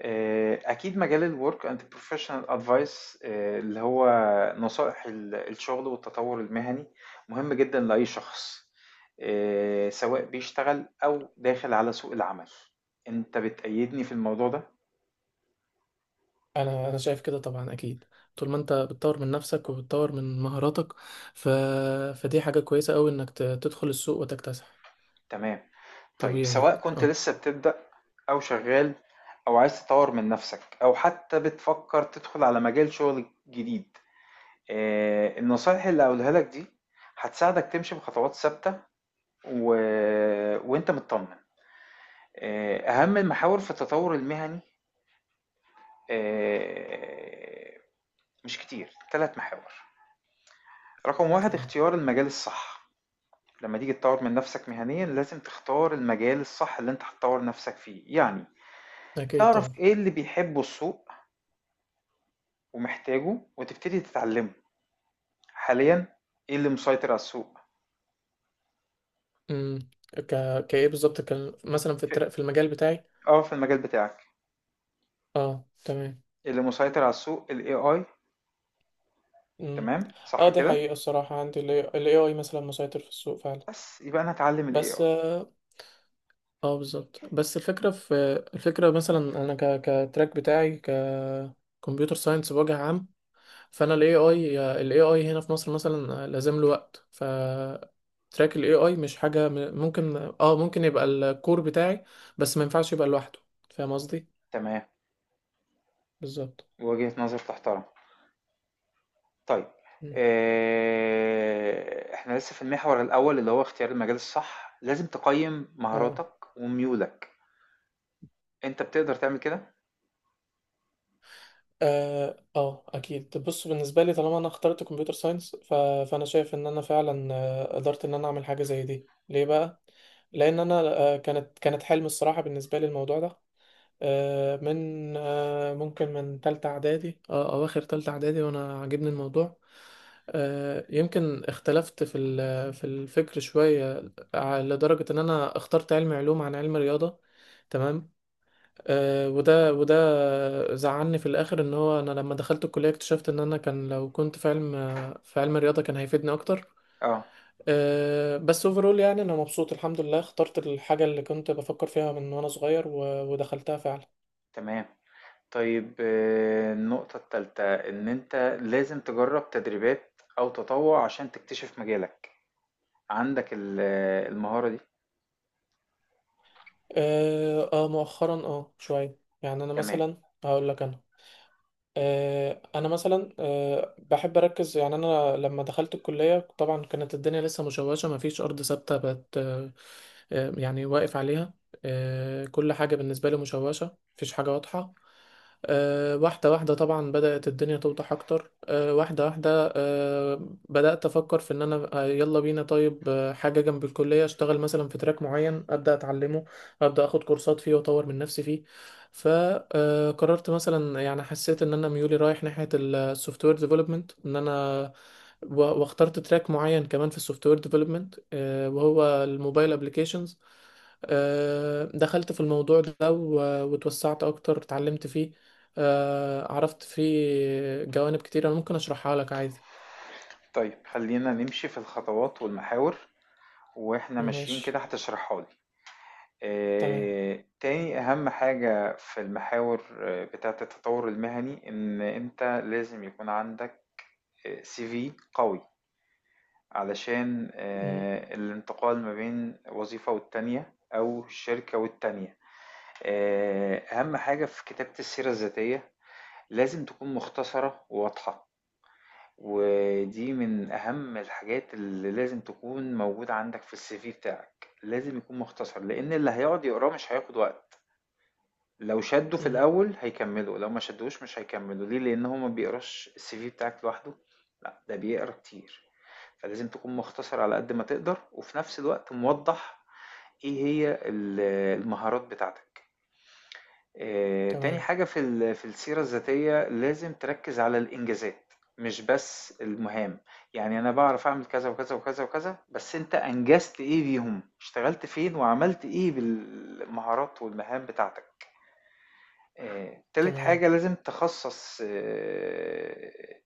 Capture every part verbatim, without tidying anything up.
آه، أكيد مجال الورك أند بروفيشنال أدفايس اللي هو نصائح ال- الشغل والتطور المهني مهم جدا لأي شخص، آه، سواء بيشتغل أو داخل على سوق العمل. أنت بتأيدني في الموضوع ده؟ انا انا شايف كده طبعا، اكيد. طول ما انت بتطور من نفسك وبتطور من مهاراتك ف... فدي حاجه كويسه قوي انك ت... تدخل السوق وتكتسح. تمام. طيب، طبيعي يعني، سواء كنت اه. لسه بتبدأ أو شغال أو عايز تطور من نفسك أو حتى بتفكر تدخل على مجال شغل جديد، آه، النصائح اللي هقولها لك دي هتساعدك تمشي بخطوات ثابتة و... وانت مطمن. آه، اهم المحاور في التطور المهني، آه، مش كتير ثلاث محاور. رقم واحد تمام. اختيار المجال الصح. لما تيجي تطور من نفسك مهنيا لازم تختار المجال الصح اللي انت هتطور نفسك فيه. يعني اكيد تعرف طبعا. ايه اللي بيحبه السوق ومحتاجه وتبتدي تتعلمه. حاليا ايه اللي مسيطر على السوق؟ امم ك... كايه بالظبط، كان مثلا في في- التر... في المجال بتاعي. اه، في المجال بتاعك اه تمام. إيه اللي مسيطر على السوق؟ ال ايه اي. امم تمام صح اه، دي كده. حقيقه، الصراحه عندي ال إيه آي مثلا مسيطر في السوق فعلا. بس يبقى انا هتعلم ال بس ايه اي. اه، آه، بالظبط. بس الفكره في، الفكره مثلا انا ك... كتراك بتاعي، ك كمبيوتر ساينس بوجه عام. فانا الاي اي الاي اي هنا في مصر مثلا لازم له وقت، ف تراك الاي اي مش حاجه م- ممكن، اه ممكن يبقى الكور بتاعي، بس ما ينفعش يبقى لوحده. فاهم قصدي؟ تمام. بالظبط. وجهة نظر تحترم. طيب، مم. آه، احنا لسه في المحور الاول اللي هو اختيار المجال الصح. لازم تقيم اه مهاراتك وميولك. انت بتقدر تعمل كده؟ اه اه اكيد، بص، بالنسبه لي طالما انا اخترت كمبيوتر ساينس، ف... فانا شايف ان انا فعلا آه، قدرت ان انا اعمل حاجه زي دي. ليه بقى؟ لان انا، آه، كانت كانت حلم الصراحه بالنسبه لي الموضوع ده آه، من، آه، ممكن من تالتة إعدادي، أه أواخر تالتة إعدادي وأنا عاجبني الموضوع. آه، يمكن اختلفت في ال- في الفكر شوية، ع- لدرجة إن أنا اخترت علم علوم عن علم رياضة. تمام. آه، وده وده زعلني في الآخر، إن هو أنا لما دخلت الكلية اكتشفت إن أنا كان، لو كنت في علم، في علم رياضة كان هيفيدني أكتر. اه، آه، بس اوفرول يعني أنا مبسوط الحمد لله، اخترت الحاجة اللي كنت بفكر فيها من وأنا صغير، و- ودخلتها فعلا. تمام. طيب، آه، النقطة التالتة ان انت لازم تجرب تدريبات او تطوع عشان تكتشف مجالك. عندك ال- آه، المهارة دي؟ اه، آه، مؤخرا اه شوية يعني. انا تمام. مثلا هقول لك، انا آه، انا مثلا آه، بحب اركز. يعني انا لما دخلت الكليه طبعا كانت الدنيا لسه مشوشه، ما فيش ارض ثابته بقت، آه، آه، يعني واقف عليها. آه، كل حاجه بالنسبه لي مشوشه، مفيش حاجه واضحه. آه، واحده واحده طبعا بدات الدنيا توضح اكتر، آه، واحده واحده، آه، بدات افكر في ان انا، آه، يلا بينا طيب، آه، حاجه جنب الكليه اشتغل مثلا في تراك معين، ابدا اتعلمه، ابدا اخد كورسات فيه واطور من نفسي فيه. فقررت مثلا، يعني حسيت ان انا ميولي رايح ناحيه السوفت وير ديفلوبمنت، ان انا، و- واخترت تراك معين كمان في السوفت وير ديفلوبمنت، وهو الموبايل ابليكيشنز. دخلت في الموضوع ده و- واتوسعت اكتر، اتعلمت فيه. آه، عرفت فيه جوانب كتير انا ممكن اشرحها لك عادي. طيب خلينا نمشي في الخطوات والمحاور واحنا ماشيين ماشي. كده هتشرحها لي. تمام. آآ، تاني أهم حاجة في المحاور آه، بتاعة التطوّر المهني، إن أنت لازم يكون عندك آآ سي في قوي، علشان مم. آآ الانتقال ما بين وظيفة والتانية أو شركة والتانية. آآ، أهم حاجة في كتابة السيرة الذاتية لازم تكون مختصرة وواضحة، ودي من أهم الحاجات اللي لازم تكون موجودة عندك في الCV بتاعك. لازم يكون مختصر، لإن اللي هيقعد يقراه مش هياخد وقت. لو شدوا في مم. الأول هيكملوا، لو ما شدوش مش هيكملوا. ليه؟ لأن هو ما بيقراش السي في بتاعك لوحده، لأ ده بيقرا كتير. فلازم تكون مختصر على قد ما تقدر وفي نفس الوقت موضح إيه هي ال- المهارات بتاعتك. آه، تاني تمام. حاجة في ال- في السيرة الذاتية لازم تركز على الإنجازات، مش بس المهام. يعني أنا بعرف أعمل كذا وكذا وكذا وكذا، بس أنت أنجزت إيه بيهم؟ اشتغلت فين وعملت إيه بالمهارات والمهام بتاعتك؟ آه، تالت تمام. حاجة لازم تخصص آه،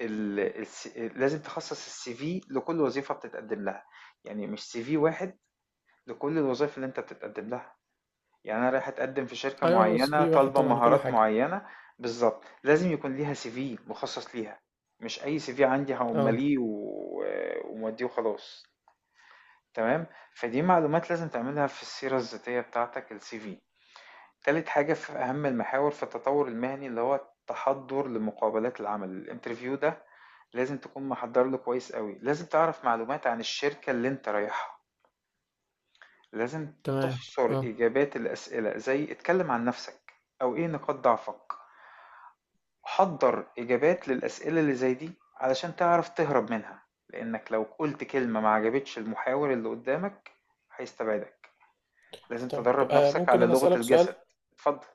ال... الس- لازم تخصص السي في لكل وظيفة بتتقدم لها. يعني مش سي في واحد لكل الوظائف اللي انت بتتقدم لها. يعني انا رايح اتقدم في شركة ايوه، هو السي معينة في واحد طالبة طبعا لكل مهارات حاجه. معينة، بالظبط لازم يكون ليها سي في مخصص ليها. مش اي سي في عندي اه هقمليه و... وموديه وخلاص. تمام. فدي معلومات لازم تعملها في السيرة الذاتية بتاعتك، السي في. تالت حاجة في أهم المحاور في التطور المهني اللي هو التحضر لمقابلات العمل، الانترفيو ده لازم تكون محضر له كويس قوي. لازم تعرف معلومات عن الشركة اللي انت رايحها. لازم تمام. تحصر اه إجابات الأسئلة زي اتكلم عن نفسك أو ايه نقاط ضعفك. حضر إجابات للأسئلة اللي زي دي علشان تعرف تهرب منها، لأنك لو قلت كلمة ما عجبتش المحاور اللي قدامك هيستبعدك. لازم طيب، تدرب آه نفسك ممكن على أنا لغة أسألك الجسد. سؤال؟ اتفضل.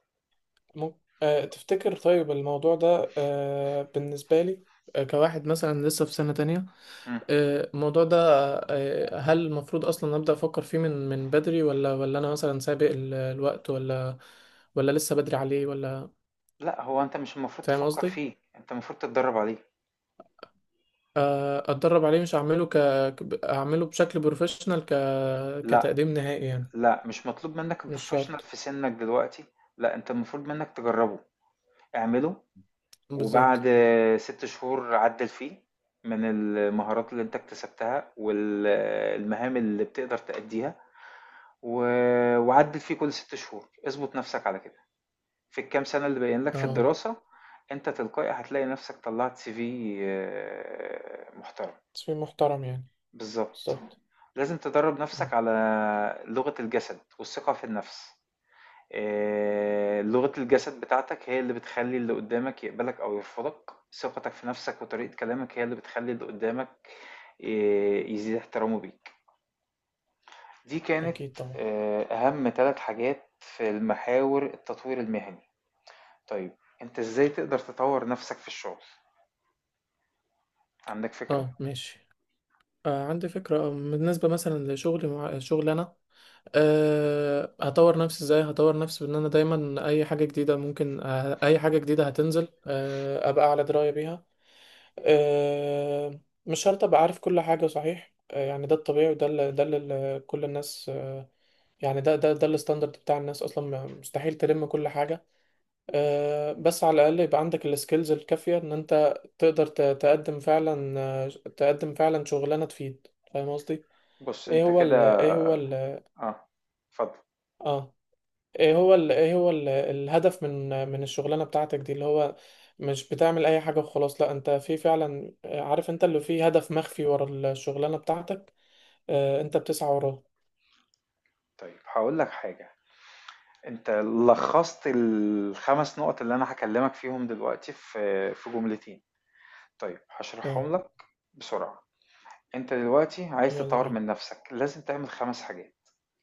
ممكن آه، تفتكر طيب الموضوع ده آه بالنسبة لي، آه كواحد مثلا لسه في سنة تانية، مم. آه الموضوع ده، آه هل المفروض أصلا أبدأ أفكر فيه من من بدري؟ ولا ولا أنا مثلا سابق ال- الوقت؟ ولا، ولا لسه بدري عليه ولا؟ لأ، هو أنت مش المفروض فاهم تفكّر قصدي؟ فيه، أنت المفروض تتدرّب عليه. آه أتدرب عليه، مش هعمله ك ك- أعمله بشكل بروفيشنال، ك لأ، كتقديم نهائي يعني. لأ، مش مطلوب منّك مش الprofessional شرط. في سِنّك دلوقتي. لأ، أنت المفروض منّك تجرّبه، اعمله بالظبط. وبعد 6 شهور عدّل فيه من المهارات اللي أنت اكتسبتها وال المهام اللي بتقدر تأدّيها و وعدّل فيه كل 6 شهور. اضبط نَفْسك على كده في الكام سَنة اللي باقيين لك في اه الدراسة. أنت تلقائي هتلاقي نَفْسك طلّعت سي في محترم. تصميم محترم يعني. بالضبط. بالظبط. لازم تدرّب م، نَفْسك على لغة الجسد والثقة في النَفْس. آآ لغة الجسد بتاعتك هي اللي بتخلّي اللي قُدّامك يقبلك أو يرفضك، ثقتك في نَفْسك وطريقة كلامك هي اللي بتخلّي اللي قُدّامك آآ يزيد احترامه بيك. دي كانت أكيد طبعا. آآ أهم 3 حاجات في المحاور التطوير المهني. طيب، أنت إزاي تقدر تطوّر نَفْسك في الشغل؟ عندك فكرة؟ اه ماشي، آه عندي فكرة. آه، بالنسبة مثلا لشغلي مع شغل، انا آه هطور نفسي ازاي؟ هطور نفسي بان انا دايما اي حاجة جديدة ممكن، آه اي حاجة جديدة هتنزل آه ابقى على دراية بيها. آه مش شرط ابقى عارف كل حاجة صحيح، آه يعني ده الطبيعي، وده اللي ده اللي كل الناس آه، يعني ده ده ده الستاندرد بتاع الناس، اصلا مستحيل تلم كل حاجة. آه، بس على الأقل يبقى عندك السكيلز الكافية إن أنت تقدر ت- تقدم فعلا، آه، تقدم فعلا شغلانة تفيد. فاهم قصدي؟ بُص إيه أنت هو ال كده، إيه هو ال آه، اتفضل. آه إيه هو ال إيه هو ال الهدف من من الشغلانة بتاعتك دي اللي هو، مش بتعمل أي حاجة وخلاص، لأ أنت في فعلا آه، عارف أنت اللي فيه هدف مخفي ورا الشغلانة بتاعتك، آه، أنت بتسعى وراه. طيب هاقول لك حاجة. انت لخصت الخمس نقط اللي انا هكلمك فيهم دلوقتي في في جملتين. طيب آه هشرحهم لك بسرعة. انت دلوقتي عايز يلا تطور بينا. من نفسك لازم تعمل خمس حاجات.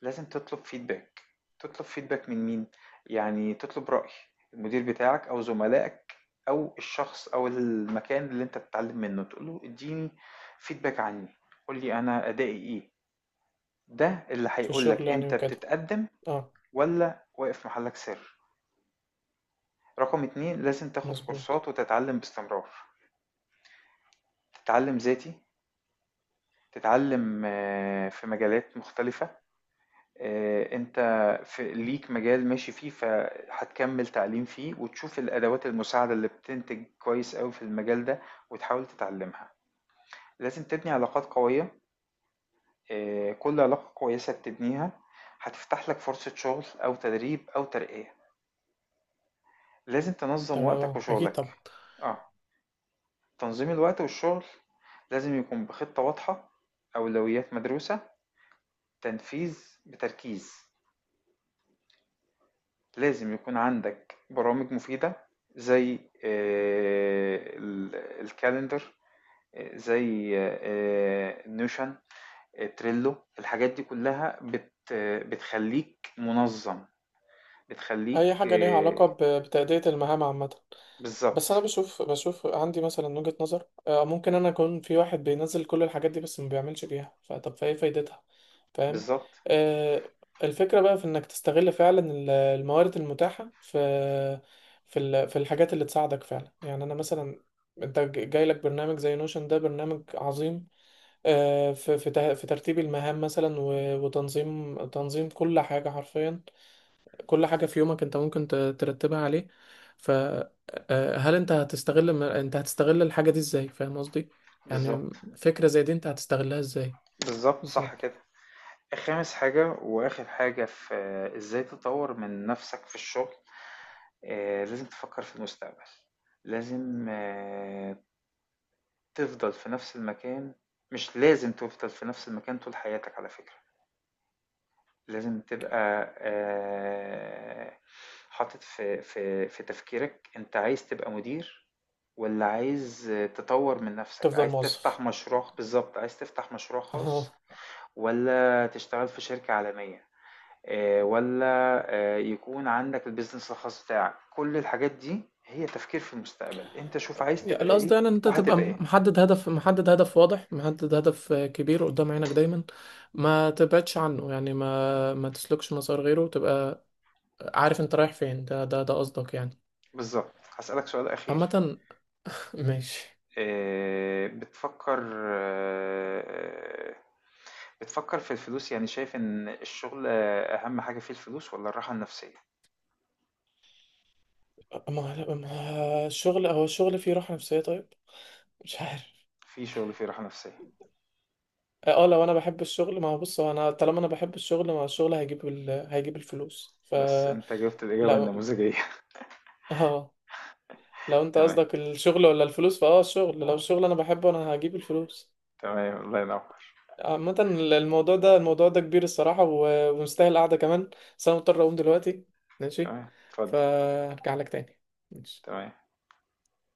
لازم تطلب فيدباك. تطلب فيدباك من مين؟ يعني تطلب رأي المدير بتاعك او زملائك او الشخص او المكان اللي انت بتتعلم منه. تقول له اديني فيدباك عني، قول لي انا ادائي ايه. ده اللي في هيقول الشغل لك يعني انت وكده، بتتقدم آه ولا واقف محلك سر. رقم اتنين لازم تاخد مظبوط. كورسات وتتعلم باستمرار. تتعلم ذاتي. تتعلم آه، في مجالات مختلفة. آه، انت في ليك مجال ماشي فيه، فهتكمل تعليم فيه وتشوف الادوات المساعدة اللي بتنتج كويس قوي في المجال ده وتحاول تتعلمها. لازم تبني علاقات قوية. آه، كل علاقة كويسة بتبنيها هتفتح لك فرصة شغل او تدريب او ترقية. لازم تنظم تمام، وقتك آه، أكيد وشغلك. طبعا. اه، تنظيم الوقت والشغل لازم يكون بخطة واضحة، أولويات مدروسة، تنفيذ بتركيز. لازم يكون عندك برامج مفيدة زي الكالندر، آه، زي آه، نوشن، آه، تريلو. الحاجات دي كلها بت بتخليك منظم، بتخليك أي حاجة ليها آه، علاقة ب- بتأدية المهام عامة. بس بالظبط. انا بشوف بشوف عندي مثلا وجهة نظر، آه، ممكن انا اكون في واحد بينزل كل الحاجات دي بس ما بيعملش بيها، فطب فايه فايدتها؟ فاهم. بالظبط. آه، الفكرة بقى في انك تستغل فعلا ال- الموارد المتاحة في، في ال- في الحاجات اللي تساعدك فعلا. يعني انا مثلا، انت ج- جاي لك برنامج زي نوشن، ده برنامج عظيم آه، في في ته- في ترتيب المهام مثلا، و- وتنظيم، تنظيم كل حاجة حرفيا. كل حاجة في يومك انت ممكن ت- ترتبها عليه. فهل انت هتستغل م- انت هتستغل الحاجة دي ازاي؟ فاهم قصدي؟ يعني بالظبط. فكرة زي دي انت هتستغلها ازاي؟ بالظبط، صح بالظبط. كده. خامس حاجة وآخر حاجة في آه، إزاي تطور من نفسك في الشغل. آه، لازم تفكر في المستقبل. لازم آه، تفضل في نفس المكان. مش لازم تفضل في نفس المكان طول حياتك على فكرة. لازم تبقى آه، حاطط في في في تفكيرك. أنت عايز تبقى مدير ولا عايز تطور من نفسك؟ تفضل عايز تفتح موظف، مشروع؟ بالظبط عايز تفتح مشروع خاص، اهو. ولا تشتغل في شركة عالمية، آه، ولا آه، يكون عندك البيزنس الخاص بتاعك. كل الحاجات دي هي تفكير في المستقبل. انت شوف عايز يعني تبقى القصد ايه يعني ان انت تبقى وهتبقى ايه. محدد، هدف محدد، هدف واضح، محدد، هدف آه، كبير قدام عينك دايما، ما تبعدش عنه. يعني ما ما تسلكش مسار غيره، تبقى عارف انت رايح فين. ده ده ده قصدك يعني. بالظبط. هسألك سؤال أخير. عامة. ماشي. آه، بتفكر آه، بتفكر في الفلوس؟ يعني شايف ان الشغل آه، أهم حاجة فيه الفلوس ولا الراحة النفسية؟ ما ما- الشغل، هو الشغل فيه راحة نفسية طيب؟ مش عارف. في شغل فيه راحة نفسية. اه، آه، لو انا بحب الشغل، ما هو بص، هو انا طالما انا بحب الشغل، ما هو الشغل هيجيب ال... هيجيب الفلوس، ف بس انت جبت الإجابة لو، النموذجية. اه، لو انت تمام. قصدك الشغل ولا الفلوس، فاه الشغل، لو الشغل انا بحبه، انا هجيب الفلوس. تمام، الله ينور. عامة الموضوع ده الموضوع ده كبير الصراحة، و- ومستاهل قعدة كمان، بس انا مضطر اقوم دلوقتي. ماشي. تمام، اتفضل. فهرجع لك تاني. ماشي. تمام.